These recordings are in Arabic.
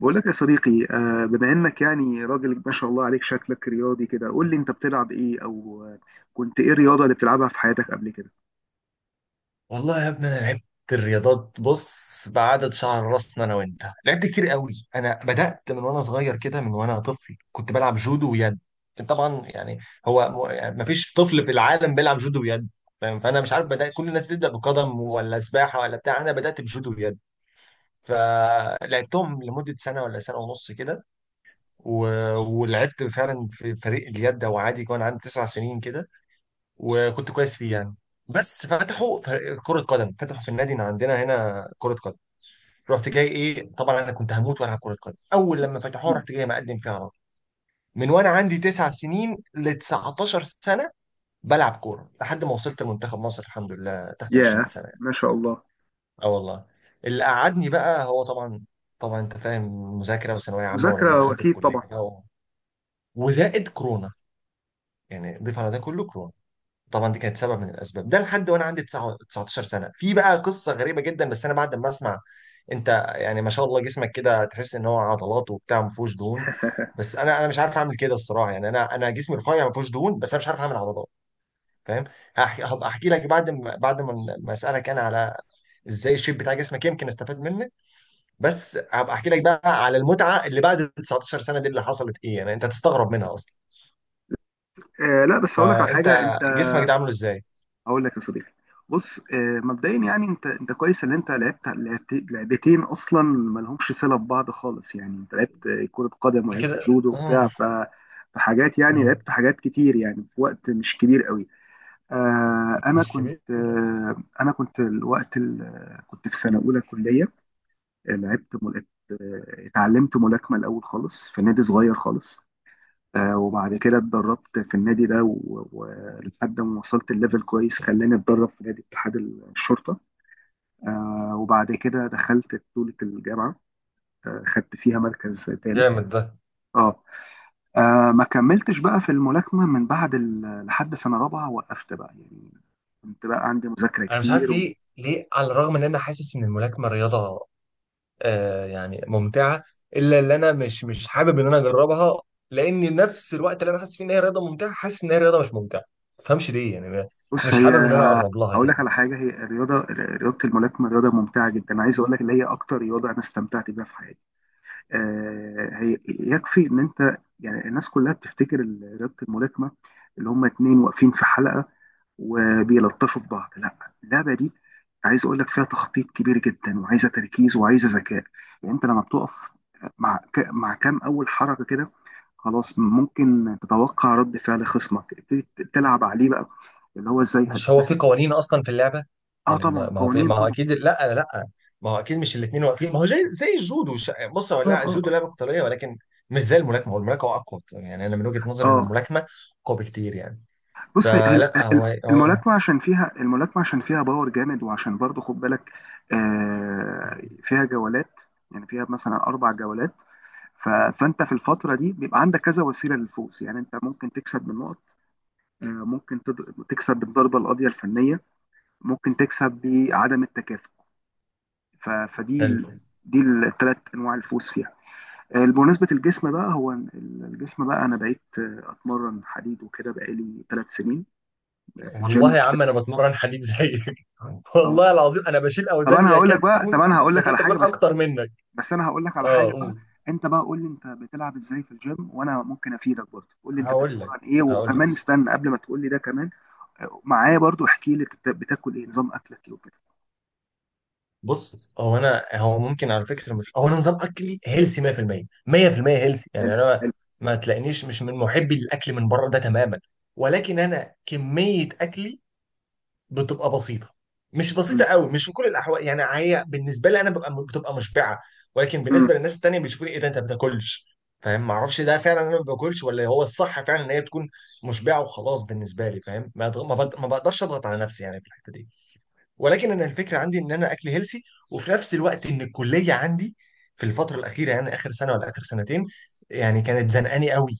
بقول لك يا صديقي، بما انك يعني راجل ما شاء الله عليك، شكلك رياضي كده. قول لي انت بتلعب ايه، او كنت ايه الرياضة اللي بتلعبها في حياتك قبل كده؟ والله يا ابني انا لعبت الرياضات، بص، بعدد شعر راسنا انا وانت لعبت كتير قوي. انا بدأت من وانا صغير كده، من وانا طفل كنت بلعب جودو ويد، طبعا يعني هو يعني مفيش طفل في العالم بيلعب جودو ويد، فاهم؟ فانا مش عارف، بدأت كل الناس بتبدأ بقدم ولا سباحة ولا بتاع، انا بدأت بجودو ويد، فلعبتهم لمدة سنة ولا سنة ونص كده و... ولعبت فعلا في فريق اليد، وعادي كان عندي تسع سنين كده، وكنت كويس فيه يعني. بس فتحوا فريق كرة قدم، فتحوا في النادي اللي عندنا هنا كرة قدم، رحت جاي ايه، طبعا انا كنت هموت والعب كرة قدم، اول لما فتحوها رحت جاي مقدم فيها على طول، من وانا عندي تسع سنين ل 19 سنة بلعب كورة لحد ما وصلت لمنتخب مصر الحمد لله تحت 20 ياه، سنة يعني. ما شاء الله. اه والله. اللي قعدني بقى هو طبعا انت فاهم، مذاكرة وثانوية عامة، ولما مذاكرة دخلت واكيد طبعا. الكلية بقى وزائد كورونا، يعني ضيف على ده كله كورونا، طبعا دي كانت سبب من الاسباب ده لحد وانا عندي 9 19 سنه. في بقى قصه غريبه جدا بس انا بعد ما اسمع. انت يعني ما شاء الله جسمك كده، تحس ان هو عضلات وبتاع، ما فيهوش دهون. بس انا مش عارف اعمل كده الصراحه، يعني انا جسمي رفيع ما فيهوش دهون، بس انا مش عارف اعمل عضلات، فاهم؟ هبقى احكي لك بعد ما اسالك انا على ازاي الشيب بتاع جسمك يمكن استفاد منك. بس هبقى احكي لك بقى على المتعه اللي بعد 19 سنه دي، اللي حصلت ايه، يعني انت هتستغرب منها اصلا. لا، بس هقول لك على فانت حاجة انت. جسمك ده عامله ازاي؟ هقول لك يا صديقي، بص، مبدئيا يعني انت كويس ان انت لعبت لعبتين اصلا ما لهمش صلة ببعض خالص. يعني انت لعبت كرة قدم أنا ولعبت كده جودو اه. وبتاع. فحاجات، يعني آه. لعبت حاجات كتير يعني في وقت مش كبير قوي. انا مش كبير، كنت، لا. كنت في سنه اولى كليه. آه، لعبت مل... اتعلمت ملاكمه الاول خالص في نادي صغير خالص. وبعد كده اتدربت في النادي ده ولحد ما وصلت الليفل كويس، خلاني اتدرب في نادي اتحاد الشرطه. وبعد كده دخلت بطوله الجامعه. خدت فيها مركز ثالث. جامد ده. اه. ما كملتش بقى في الملاكمه من بعد لحد سنه رابعه. وقفت بقى يعني، كنت بقى عندي مذاكرة انا مش عارف كتير. ليه على الرغم ان انا حاسس ان الملاكمه رياضه يعني ممتعه، الا ان انا مش حابب ان انا اجربها، لان نفس الوقت اللي انا حاسس فيه ان هي رياضه ممتعه، حاسس ان هي رياضه مش ممتعه. ما تفهمش ليه يعني بص، مش حابب ان انا اقرب لها اقول كده. لك على حاجه. هي الرياضه رياضه الملاكمه رياضه ممتعه جدا، عايز اقول لك اللي هي اكتر رياضه انا استمتعت بيها في حياتي. هي يكفي ان انت، يعني الناس كلها بتفتكر رياضه الملاكمه اللي هم اتنين واقفين في حلقه وبيلطشوا في بعض. لا، اللعبه دي عايز اقول لك فيها تخطيط كبير جدا، وعايزه تركيز، وعايزه ذكاء. يعني انت لما بتقف مع كام اول حركه كده، خلاص ممكن تتوقع رد فعل خصمك، تبتدي تلعب عليه بقى، اللي هو مش هو في قوانين اصلا في اللعبه، اه يعني طبعا ما هو في، قوانين ما هو طبعا. اكيد، لا لا. ما هو اكيد مش الاثنين واقفين، ما هو زي الجودو، بص هو، اه، لا اه، الجودو اه، لعبه قتاليه، ولكن مش زي الملاكمه، هو الملاكمه اقوى يعني، انا من وجهه نظري ان اه. الملاكمه اقوى بكتير يعني، بص، فلا ال- هو الملاكمه عشان فيها باور جامد، وعشان برضو خد بالك فيها جولات، يعني فيها مثلا 4 جولات. فانت في الفتره دي بيبقى عندك كذا وسيله للفوز. يعني انت ممكن تكسب بالنقط، ممكن تكسب بالضربه القاضيه الفنيه، ممكن تكسب بعدم التكافؤ. ف- فدي حلو. ال- دي الثلاث انواع الفوز فيها. بمناسبة الجسم بقى، هو الجسم بقى أنا بقيت أتمرن حديد وكده بقالي 3 سنين في الجيم والله يا بشكل. عم انا بتمرن حديد زيك أه. والله العظيم انا بشيل طب اوزان يكاد تكون، أنا هقول لك تكاد على حاجة، تكون بس اكتر منك. بس أنا هقول لك على اه، حاجة بقى. قول. أنت بقى قول لي أنت بتلعب إزاي في الجيم، وأنا ممكن أفيدك برضه. قول لي أنت هقول لك بتتمرن إيه، هقول وكمان لك استنى قبل ما تقول لي ده، كمان معايا برضه احكي لي أنت بتاكل إيه، نظام أكلك إيه وكده. بص. هو انا، هو ممكن على فكره، مش هو، انا نظام اكلي هيلسي 100% 100% هيلسي، يعني حلو. انا ما حلو. ما تلاقينيش، مش من محبي للاكل من بره ده تماما. ولكن انا كميه اكلي بتبقى بسيطه، مش مم. بسيطه قوي، مش في كل الاحوال يعني، هي بالنسبه لي انا بتبقى مشبعه، ولكن مم. بالنسبه للناس التانيه بيشوفوني، ايه ده انت ما بتاكلش؟ فاهم؟ ما اعرفش ده فعلا، انا ما باكلش، ولا هو الصح فعلا ان هي تكون مشبعه وخلاص بالنسبه لي، فاهم؟ ما أضغ- ما بض- ما بقدرش اضغط على نفسي يعني في الحته دي. ولكن انا الفكره عندي ان انا اكل هيلسي، وفي نفس الوقت ان الكليه عندي في الفتره الاخيره، يعني اخر سنه ولا اخر سنتين يعني، كانت زنقاني قوي،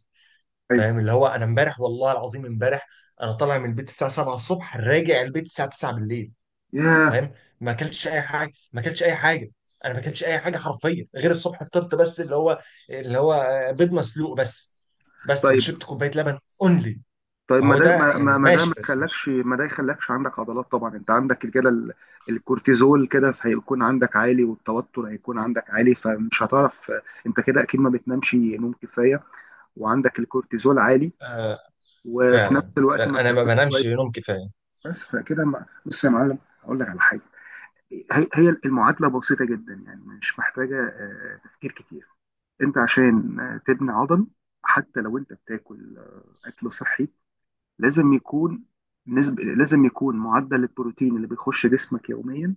أيوه. فاهم؟ اللي هو انا امبارح، والله العظيم امبارح، انا طالع من البيت الساعه 7 الصبح راجع البيت الساعه 9 بالليل، ياه. فاهم؟ ما اكلتش اي حاجه، ما اكلتش اي حاجه، انا ما اكلتش اي حاجه حرفيا غير الصبح فطرت بس، اللي هو بيض مسلوق بس. بس وشربت كوبايه لبن اونلي. طيب، ما فهو ده ده ما ما يعني ما ده ماشي ما بس يخلكش مش ما ده يخلكش عندك عضلات طبعا. انت عندك كده الكورتيزول كده، هيكون عندك عالي، والتوتر هيكون عندك عالي، فمش هتعرف. انت كده اكيد ما بتنامش نوم كفايه، وعندك الكورتيزول عالي، آه وفي نفس فعلا، الوقت ما فعلا انا ما بتاكلش بنامش كويس. نوم كفايه. بس فكده بص يا معلم، هقول لك على حاجه. هي المعادله بسيطه جدا، يعني مش محتاجه تفكير كتير. انت عشان تبني عضل، حتى لو انت بتاكل اكل صحي، لازم يكون لازم يكون معدل البروتين اللي بيخش جسمك يوميا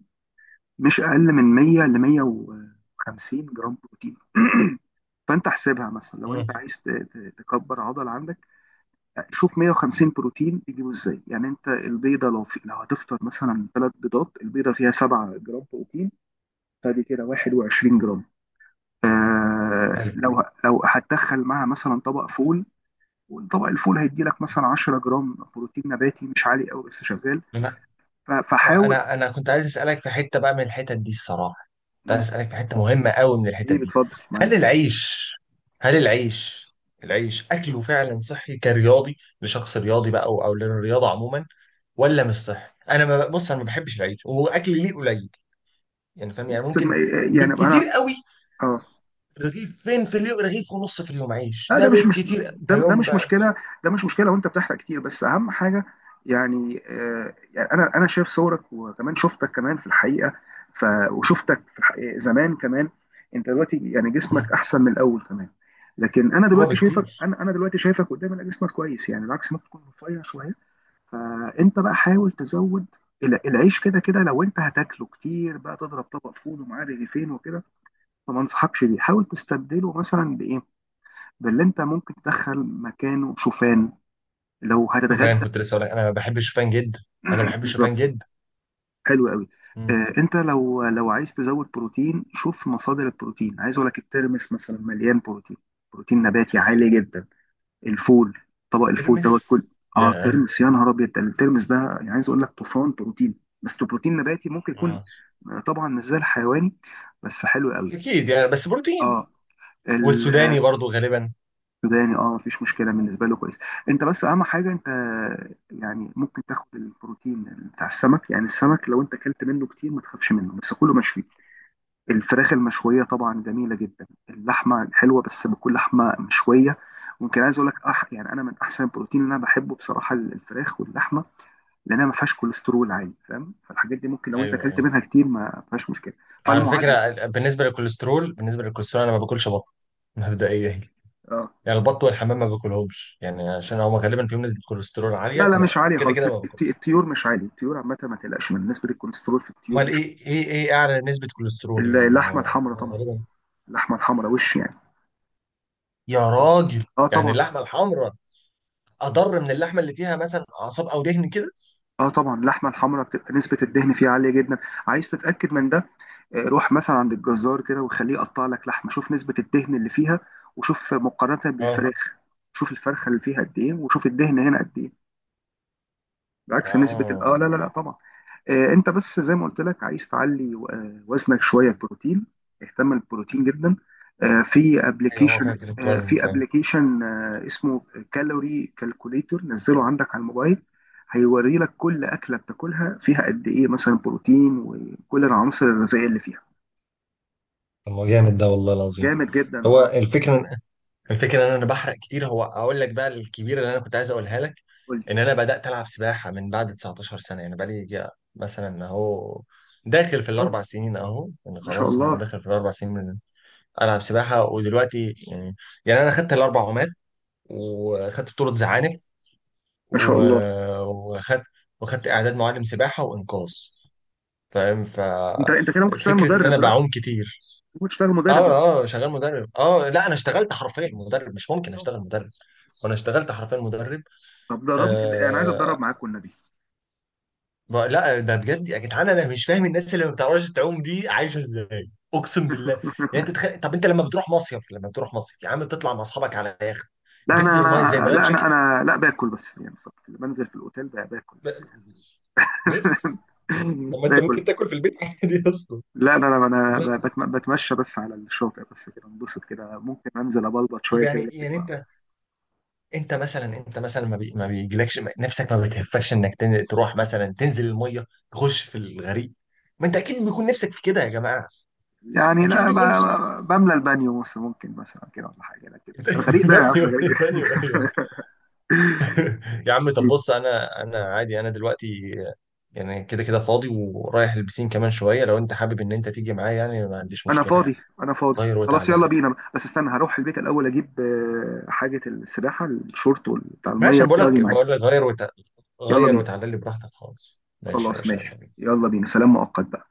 مش أقل من 100 ل 150 جرام بروتين. فأنت احسبها مثلا، لو أنت مم. عايز تكبر عضل عندك، شوف 150 بروتين تجيبه إزاي. يعني أنت البيضة، لو هتفطر مثلا 3 بيضات، البيضة فيها 7 جرام بروتين، فدي كده 21 جرام. آه، حلو. لو هتدخل معاها مثلا طبق فول، وطبق الفول هيدي لك مثلا 10 جرام بروتين نباتي، مش عالي قوي بس شغال. فحاول. انا كنت عايز اسالك في حته بقى من الحتت دي الصراحه، كنت عايز مم. اسالك في حته مهمه قوي من الحتت ايه دي. بتفضل هل معاك؟ العيش هل العيش العيش اكله فعلا صحي كرياضي، لشخص رياضي بقى، او للرياضه عموما، ولا مش صحي؟ انا ما بص، انا ما بحبش العيش واكل ليه قليل يعني، فاهم؟ يعني بص، ممكن يعني انا، بالكتير قوي اه. رغيف، فين في اليوم رغيف ونص في اليوم عيش، لا ده ده مش مش بالكتير، ده, ده ده يوم مش بقى. مشكله. ده مش مشكله، وانت بتحرق كتير، بس اهم حاجه، يعني انا شايف صورك، وكمان شفتك كمان في الحقيقه. ف وشفتك في الحقيقة زمان كمان. انت دلوقتي يعني جسمك مم. احسن من الاول كمان. لكن انا هو دلوقتي شايفك، بكتير. انا دلوقتي شايفك قدامي، انا جسمك كويس، يعني العكس ممكن تكون رفيع شويه. فانت بقى حاول تزود العيش. كده كده لو انت هتاكله كتير بقى، تضرب طبق فول ومعاه رغيفين وكده، فما انصحكش بيه. حاول تستبدله مثلا بايه؟ باللي انت ممكن تدخل مكانه، شوفان، لو هتتغدى. شوفان. كنت لسه اقول لك انا ما بحبش الشوفان جدا. انا بحب الشوفان بالظبط، جدا. حلو قوي. آه، انت لو عايز تزود بروتين، شوف مصادر البروتين. عايز اقول لك الترمس مثلا مليان بروتين، بروتين نباتي عالي جدا. الفول، طبق الفول دوت كل. ترمس. اه، ياه. ترمس، يا نهار ابيض، ده الترمس ده يعني عايز اقول لك طوفان بروتين. بس ده بروتين نباتي، ممكن يكون آه. طبعا مش زي الحيواني، بس حلو قوي. اكيد يعني، بس بروتين. اه، السوداني. والسوداني برضو غالبا. اه، مفيش مشكله بالنسبه له، كويس. انت بس اهم حاجه انت، يعني ممكن تاخد البروتين بتاع السمك. يعني السمك لو انت اكلت منه كتير ما تخافش منه، بس كله مشوي. الفراخ المشوية طبعا جميلة جدا، اللحمة حلوة بس بكل لحمة مشوية. ممكن، عايز اقول لك يعني انا من احسن البروتين اللي انا بحبه بصراحة الفراخ واللحمة، لانها ما فيهاش كوليسترول عالي، فاهم؟ فالحاجات دي ممكن لو انت ايوه، اكلت ايوه. منها كتير ما فيهاش مشكلة. على فالمعادلة. فكره بالنسبه للكوليسترول انا ما باكلش بط مبدئيا اه يعني. البط والحمام ما باكلهمش يعني عشان هما غالبا فيهم نسبه كوليسترول عاليه، لا لا، فانا مش عالية كده خالص، كده ما باكلهم. الطيور مش عالية، الطيور عامة ما تقلقش من نسبة الكوليسترول في الطيور، امال مش. ايه، ايه اعلى نسبه كوليسترول؟ يعني ما اللحمة هو الحمراء هو طبعا، غالبا. اللحمة الحمراء وش يعني. يا راجل. اه يعني طبعا. اللحمه الحمراء اضر من اللحمه اللي فيها مثلا اعصاب او دهن كده؟ اه طبعا، اللحمه الحمراء بتبقى نسبه الدهن فيها عاليه جدا. عايز تتاكد من ده، روح مثلا عند الجزار كده وخليه يقطع لك لحمه، شوف نسبه الدهن اللي فيها، وشوف مقارنه اه، بالفراخ. شوف الفرخه اللي فيها قد ايه، وشوف الدهن هنا قد ايه، بعكس نسبة اه اه. لا لا لا، طبعا. انت بس زي ما قلت لك، عايز تعلي وزنك شوية بروتين، اهتم بالبروتين جدا. آه في ايوه، هو ابلكيشن فيها كده وزن، في فاهم؟ ابلكيشن اسمه كالوري كالكوليتور. نزله عندك على الموبايل، هيوري لك كل أكلة بتاكلها فيها قد ايه مثلا بروتين، وكل العناصر الغذائية اللي فيها. طب ما جامد ده والله العظيم. جامد جدا، هو اه. الفكره ان انا بحرق كتير. هو اقول لك بقى الكبيره اللي انا كنت عايز اقولها لك، قول لي. ان انا بدات العب سباحه من بعد 19 سنه، يعني بقى لي مثلا اهو داخل في قول لي. الاربع سنين اهو، يعني ما شاء خلاص أهو الله. داخل في الاربع سنين من العب سباحه. ودلوقتي يعني انا خدت الاربع عومات، وخدت بطوله زعانف ما شاء الله، و- وخدت وخدت اعداد معلم سباحه وانقاذ، فاهم؟ انت كده ممكن تشتغل ففكره ان مدرب انا دلوقتي، بعوم كتير. ممكن تشتغل اه، مدرب اه. شغال مدرب، اه. لا انا اشتغلت حرفيا مدرب، مش ممكن دلوقتي. اشتغل مدرب، وانا اشتغلت حرفيا مدرب. طب دربني، انا عايز آه... اتدرب معاك والنبي. لا ده بجد يا جدعان، انا مش فاهم الناس اللي ما بتعرفش تعوم دي عايشه ازاي، اقسم بالله. يعني انت طب انت لما بتروح مصيف يا عم بتطلع مع اصحابك على يخت، لا انا بتنزل المايه ازاي؟ انا بلايف لا انا جاكيت. انا لا باكل بس يعني بصراحه، بنزل في الاوتيل بقى، باكل ب... بس يعني. بس. طب طب ما انت باكل. ممكن تاكل في البيت عادي اصلا. لا انا انا أنا لا. بتمشى بس على الشاطئ بس كده، انبسط كده، ممكن انزل ابلبط طب شويه يعني كده، لكن يعني انت مثلا ما بيجيلكش نفسك، ما بتهفكش انك تروح مثلا تنزل المايه، تخش في الغريق؟ ما انت اكيد بيكون نفسك في كده يا جماعه، يعني اكيد لا، بيكون نفسكم. بملى البانيو مثلا ممكن مثلا كده ولا حاجه، لكن الغريق لا يا دانيو عم، غريق. ايه، دانيو ايه. يا عم طب بص، انا عادي، انا دلوقتي يعني كده كده فاضي، ورايح البسين كمان شويه، لو انت حابب ان انت تيجي معايا يعني ما عنديش انا مشكله فاضي، يعني، انا فاضي. غير خلاص وتعالى يلا لي. بينا، بس استنى هروح البيت الاول اجيب حاجه السباحه، الشورت بتاع ماشي. الميه أنا بقول كده، واجي لك معاك. بقول لك يلا غير بينا. وتعالى لي براحتك خالص، ماشي يا خلاص باشا، يلا ماشي، بينا. يلا بينا، سلام مؤقت بقى.